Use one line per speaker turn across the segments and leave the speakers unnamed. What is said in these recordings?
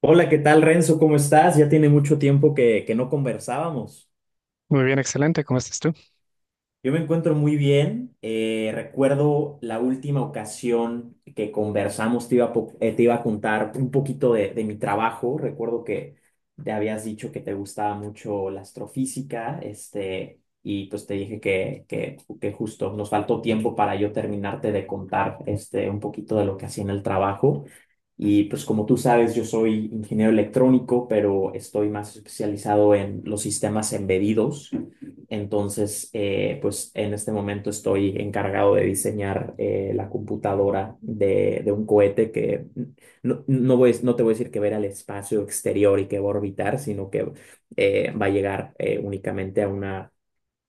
Hola, ¿qué tal, Renzo? ¿Cómo estás? Ya tiene mucho tiempo que no conversábamos.
Muy bien, excelente. ¿Cómo estás tú?
Yo me encuentro muy bien. Recuerdo la última ocasión que conversamos, te iba a contar un poquito de mi trabajo. Recuerdo que te habías dicho que te gustaba mucho la astrofísica, este, y pues te dije que justo nos faltó tiempo para yo terminarte de contar este, un poquito de lo que hacía en el trabajo. Y pues como tú sabes, yo soy ingeniero electrónico, pero estoy más especializado en los sistemas embedidos. Entonces, pues en este momento estoy encargado de diseñar la computadora de un cohete que no te voy a decir que va a ir al espacio exterior y que va a orbitar, sino que va a llegar únicamente a una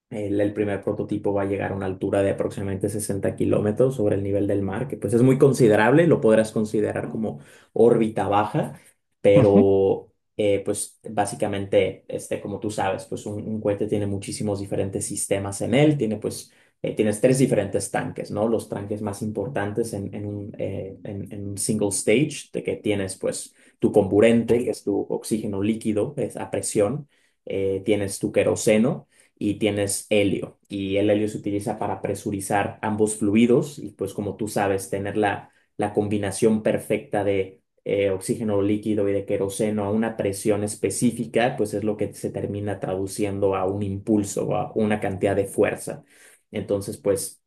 el primer prototipo va a llegar a una altura de aproximadamente 60 kilómetros sobre el nivel del mar, que pues es muy considerable, lo podrás considerar como órbita baja,
Ujú.
pero pues básicamente, este, como tú sabes, pues un cohete tiene muchísimos diferentes sistemas en él, tiene pues, tienes tres diferentes tanques, ¿no? Los tanques más importantes en un, en un single stage, de que tienes pues tu comburente, que es tu oxígeno líquido, es a presión, tienes tu queroseno, y tienes helio. Y el helio se utiliza para presurizar ambos fluidos y pues como tú sabes, tener la, la combinación perfecta de oxígeno líquido y de queroseno a una presión específica, pues es lo que se termina traduciendo a un impulso o a una cantidad de fuerza. Entonces, pues...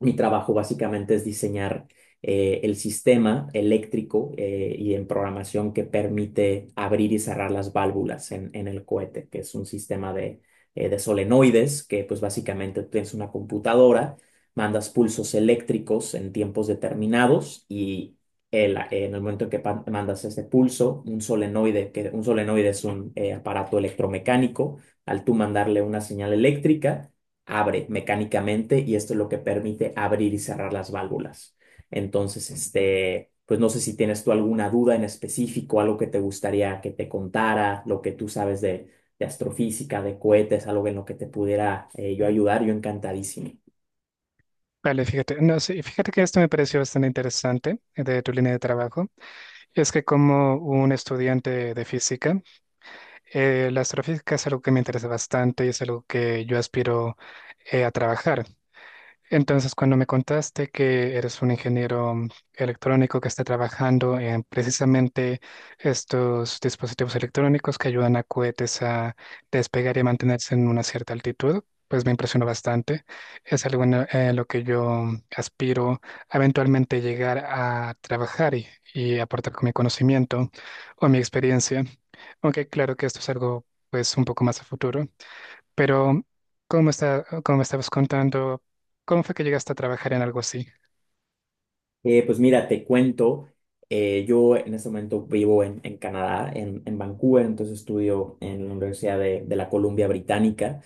Mi trabajo básicamente es diseñar el sistema eléctrico y en programación que permite abrir y cerrar las válvulas en el cohete, que es un sistema de solenoides, que pues básicamente tienes una computadora, mandas pulsos eléctricos en tiempos determinados y en el momento en que mandas ese pulso, un solenoide, que un solenoide es un aparato electromecánico, al tú mandarle una señal eléctrica, abre mecánicamente y esto es lo que permite abrir y cerrar las válvulas. Entonces, este, pues no sé si tienes tú alguna duda en específico, algo que te gustaría que te contara, lo que tú sabes de astrofísica, de cohetes, algo en lo que te pudiera, yo ayudar, yo encantadísimo.
Vale, fíjate. No, sí, fíjate que esto me pareció bastante interesante de tu línea de trabajo. Es que como un estudiante de física, la astrofísica es algo que me interesa bastante y es algo que yo aspiro a trabajar. Entonces, cuando me contaste que eres un ingeniero electrónico que está trabajando en precisamente estos dispositivos electrónicos que ayudan a cohetes a despegar y a mantenerse en una cierta altitud, pues me impresionó bastante. Es algo en lo que yo aspiro a eventualmente llegar a trabajar y aportar con mi conocimiento o mi experiencia. Aunque claro que esto es algo pues un poco más a futuro. Pero, ¿cómo está, cómo me estabas contando? ¿Cómo fue que llegaste a trabajar en algo así?
Pues mira, te cuento, yo en este momento vivo en Canadá, en Vancouver, entonces estudio en la Universidad de la Columbia Británica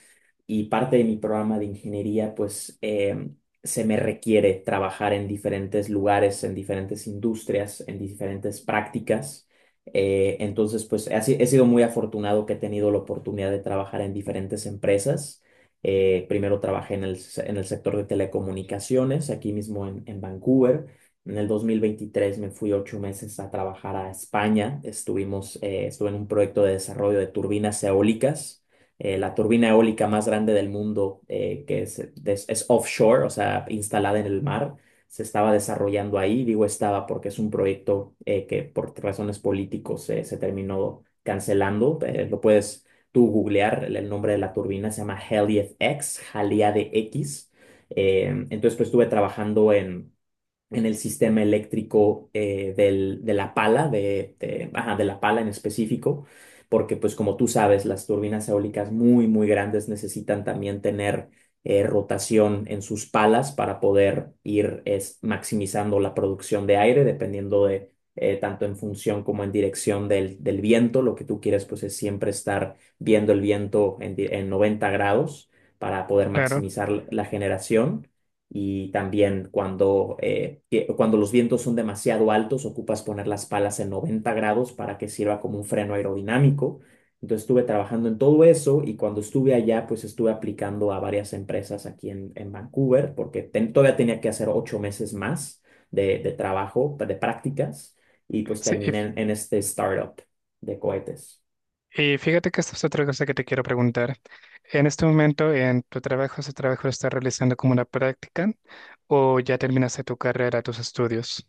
y parte de mi programa de ingeniería, pues se me requiere trabajar en diferentes lugares, en diferentes industrias, en diferentes prácticas. Entonces, pues he, si- he sido muy afortunado que he tenido la oportunidad de trabajar en diferentes empresas. Primero trabajé en en el sector de telecomunicaciones, aquí mismo en Vancouver. En el 2023 me fui 8 meses a trabajar a España. Estuve en un proyecto de desarrollo de turbinas eólicas. La turbina eólica más grande del mundo, es offshore, o sea, instalada en el mar, se estaba desarrollando ahí. Digo estaba porque es un proyecto que por razones políticos se terminó cancelando. Lo puedes tú googlear, el nombre de la turbina se llama Helief X, Jalía de X. Entonces, pues estuve trabajando en el sistema eléctrico de la pala, ajá, de la pala en específico, porque pues como tú sabes, las turbinas eólicas muy, muy grandes necesitan también tener rotación en sus palas para poder ir maximizando la producción de aire, dependiendo de, tanto en función como en dirección del viento. Lo que tú quieres pues es siempre estar viendo el viento en 90 grados para poder
Claro,
maximizar la generación, y también cuando, cuando los vientos son demasiado altos, ocupas poner las palas en 90 grados para que sirva como un freno aerodinámico. Entonces estuve trabajando en todo eso y cuando estuve allá, pues estuve aplicando a varias empresas aquí en Vancouver porque todavía tenía que hacer 8 meses más de trabajo, de prácticas y pues
sí.
terminé en este startup de cohetes.
Y fíjate que esta es otra cosa que te quiero preguntar. En este momento, en tu trabajo, ¿ese trabajo lo estás realizando como una práctica o ya terminaste tu carrera, tus estudios?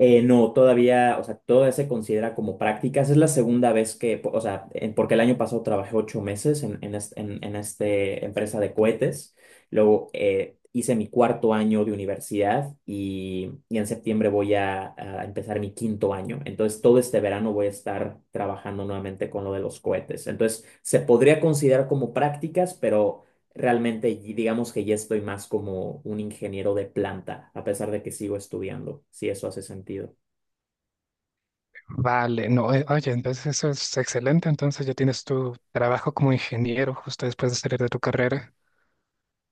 No, todavía, o sea, todavía se considera como prácticas. Es la segunda vez que, o sea, porque el año pasado trabajé 8 meses en este empresa de cohetes. Luego hice mi cuarto año de universidad y en septiembre voy a empezar mi quinto año. Entonces, todo este verano voy a estar trabajando nuevamente con lo de los cohetes. Entonces, se podría considerar como prácticas, pero realmente, digamos que ya estoy más como un ingeniero de planta, a pesar de que sigo estudiando, si eso hace sentido.
Vale, no, oye, entonces eso es excelente, entonces ya tienes tu trabajo como ingeniero justo después de salir de tu carrera.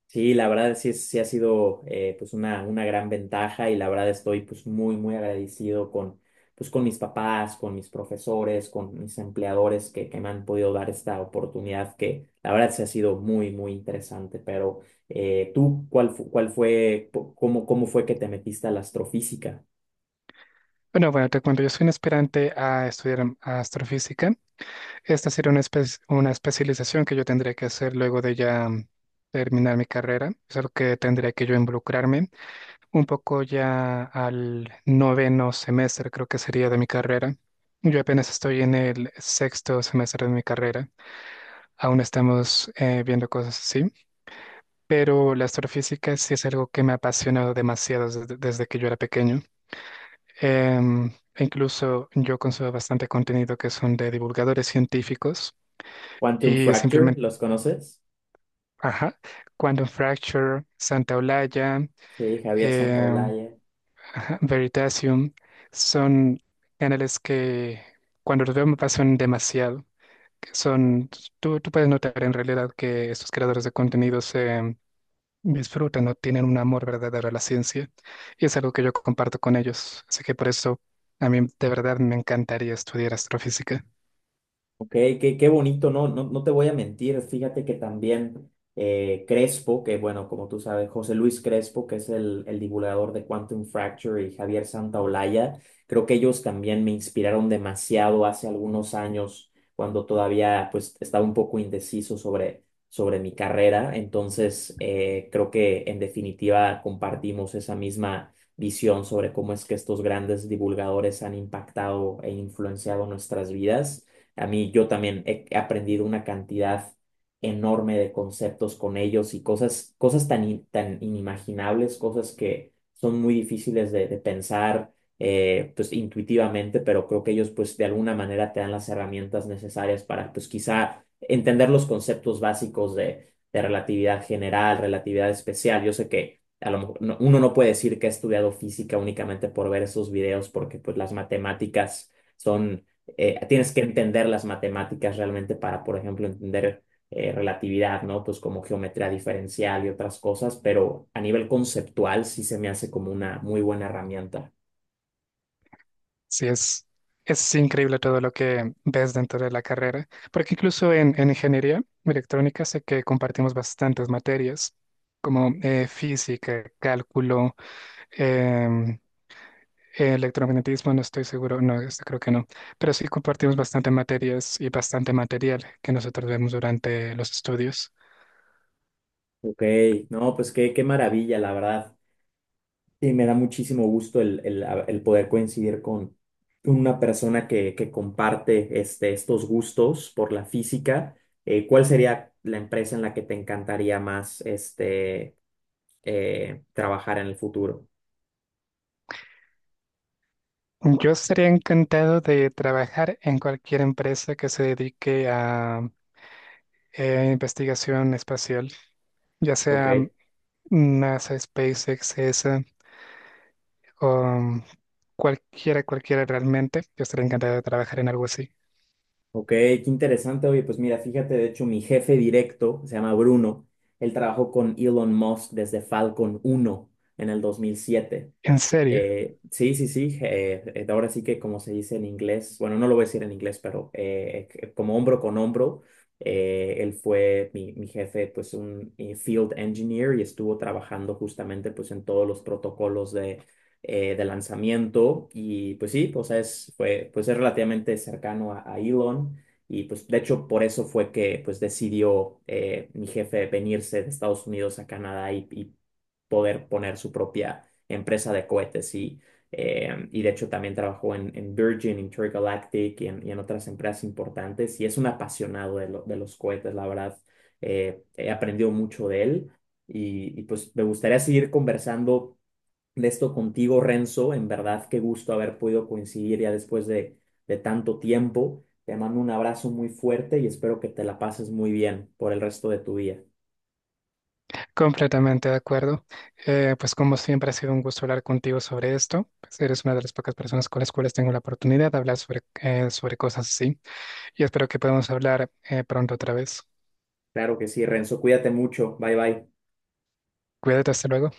Sí, la verdad sí, sí ha sido, pues una gran ventaja y la verdad estoy pues muy, muy agradecido con, pues, con mis papás, con mis profesores, con mis empleadores que me han podido dar esta oportunidad que la verdad sí ha sido muy, muy interesante. Pero tú, ¿ cuál fue, cómo, ¿cómo fue que te metiste a la astrofísica?
Bueno, bueno, te cuento, yo soy un aspirante a estudiar astrofísica. Esta sería una, una especialización que yo tendría que hacer luego de ya terminar mi carrera. Es algo que tendría que yo involucrarme un poco ya al noveno semestre, creo que sería de mi carrera. Yo apenas estoy en el sexto semestre de mi carrera. Aún estamos viendo cosas así. Pero la astrofísica sí es algo que me ha apasionado demasiado desde, desde que yo era pequeño. Em, E incluso yo consumo bastante contenido que son de divulgadores científicos
Quantum
y
Fracture,
simplemente,
¿los conoces?
ajá, Quantum Fracture, Santa Olaya,
Sí, Javier
em,
Santaolalla.
ajá, Veritasium, son canales que cuando los veo me pasan demasiado. Que Son, tú puedes notar en realidad que estos creadores de contenidos disfrutan o tienen un amor verdadero a la ciencia y es algo que yo comparto con ellos. Así que por eso a mí de verdad me encantaría estudiar astrofísica.
Ok, qué, qué bonito, no, no, no te voy a mentir, fíjate que también Crespo, que bueno, como tú sabes, José Luis Crespo, que es el divulgador de Quantum Fracture y Javier Santaolalla, creo que ellos también me inspiraron demasiado hace algunos años, cuando todavía pues estaba un poco indeciso sobre, sobre mi carrera, entonces creo que en definitiva compartimos esa misma visión sobre cómo es que estos grandes divulgadores han impactado e influenciado nuestras vidas. A mí yo también he aprendido una cantidad enorme de conceptos con ellos y cosas, cosas tan, tan inimaginables, cosas que son muy difíciles de pensar, pues intuitivamente, pero creo que ellos pues de alguna manera te dan las herramientas necesarias para pues quizá entender los conceptos básicos de relatividad general, relatividad especial. Yo sé que a lo mejor uno no puede decir que ha estudiado física únicamente por ver esos videos porque pues las matemáticas son, tienes que entender las matemáticas realmente para, por ejemplo, entender relatividad, ¿no? Pues como geometría diferencial y otras cosas, pero a nivel conceptual sí se me hace como una muy buena herramienta.
Sí, es increíble todo lo que ves dentro de la carrera, porque incluso en ingeniería electrónica sé que compartimos bastantes materias como física, cálculo, em, Electromagnetismo, no estoy seguro, no, este creo que no, pero sí compartimos bastante materias y bastante material que nosotros vemos durante los estudios.
Ok, no, pues qué, qué maravilla, la verdad. Y me da muchísimo gusto el poder coincidir con una persona que comparte este, estos gustos por la física. ¿Cuál sería la empresa en la que te encantaría más este, trabajar en el futuro?
Yo estaría encantado de trabajar en cualquier empresa que se dedique a investigación espacial, ya
Ok.
sea NASA, SpaceX, ESA o cualquiera, cualquiera realmente. Yo estaría encantado de trabajar en algo así.
Ok, qué interesante. Oye, pues mira, fíjate, de hecho, mi jefe directo se llama Bruno. Él trabajó con Elon Musk desde Falcon 1 en el 2007.
¿En serio?
Sí, sí, sí. Ahora sí que como se dice en inglés, bueno, no lo voy a decir en inglés, pero como hombro con hombro, él fue mi jefe, pues un field engineer y estuvo trabajando justamente pues en todos los protocolos de lanzamiento y pues sí, o sea, es, fue, pues es relativamente cercano a Elon y pues de hecho por eso fue que pues decidió mi jefe venirse de Estados Unidos a Canadá y poder poner su propia empresa de cohetes y de hecho también trabajó en Virgin, Intergalactic y en otras empresas importantes y es un apasionado de, de los cohetes, la verdad. He aprendido mucho de él y pues me gustaría seguir conversando de esto contigo, Renzo. En verdad, qué gusto haber podido coincidir ya después de tanto tiempo. Te mando un abrazo muy fuerte y espero que te la pases muy bien por el resto de tu día.
Completamente de acuerdo. Pues como siempre ha sido un gusto hablar contigo sobre esto. Pues eres una de las pocas personas con las cuales tengo la oportunidad de hablar sobre, sobre cosas así. Y espero que podamos hablar pronto otra vez.
Claro que sí, Renzo. Cuídate mucho. Bye bye.
Cuídate, hasta luego.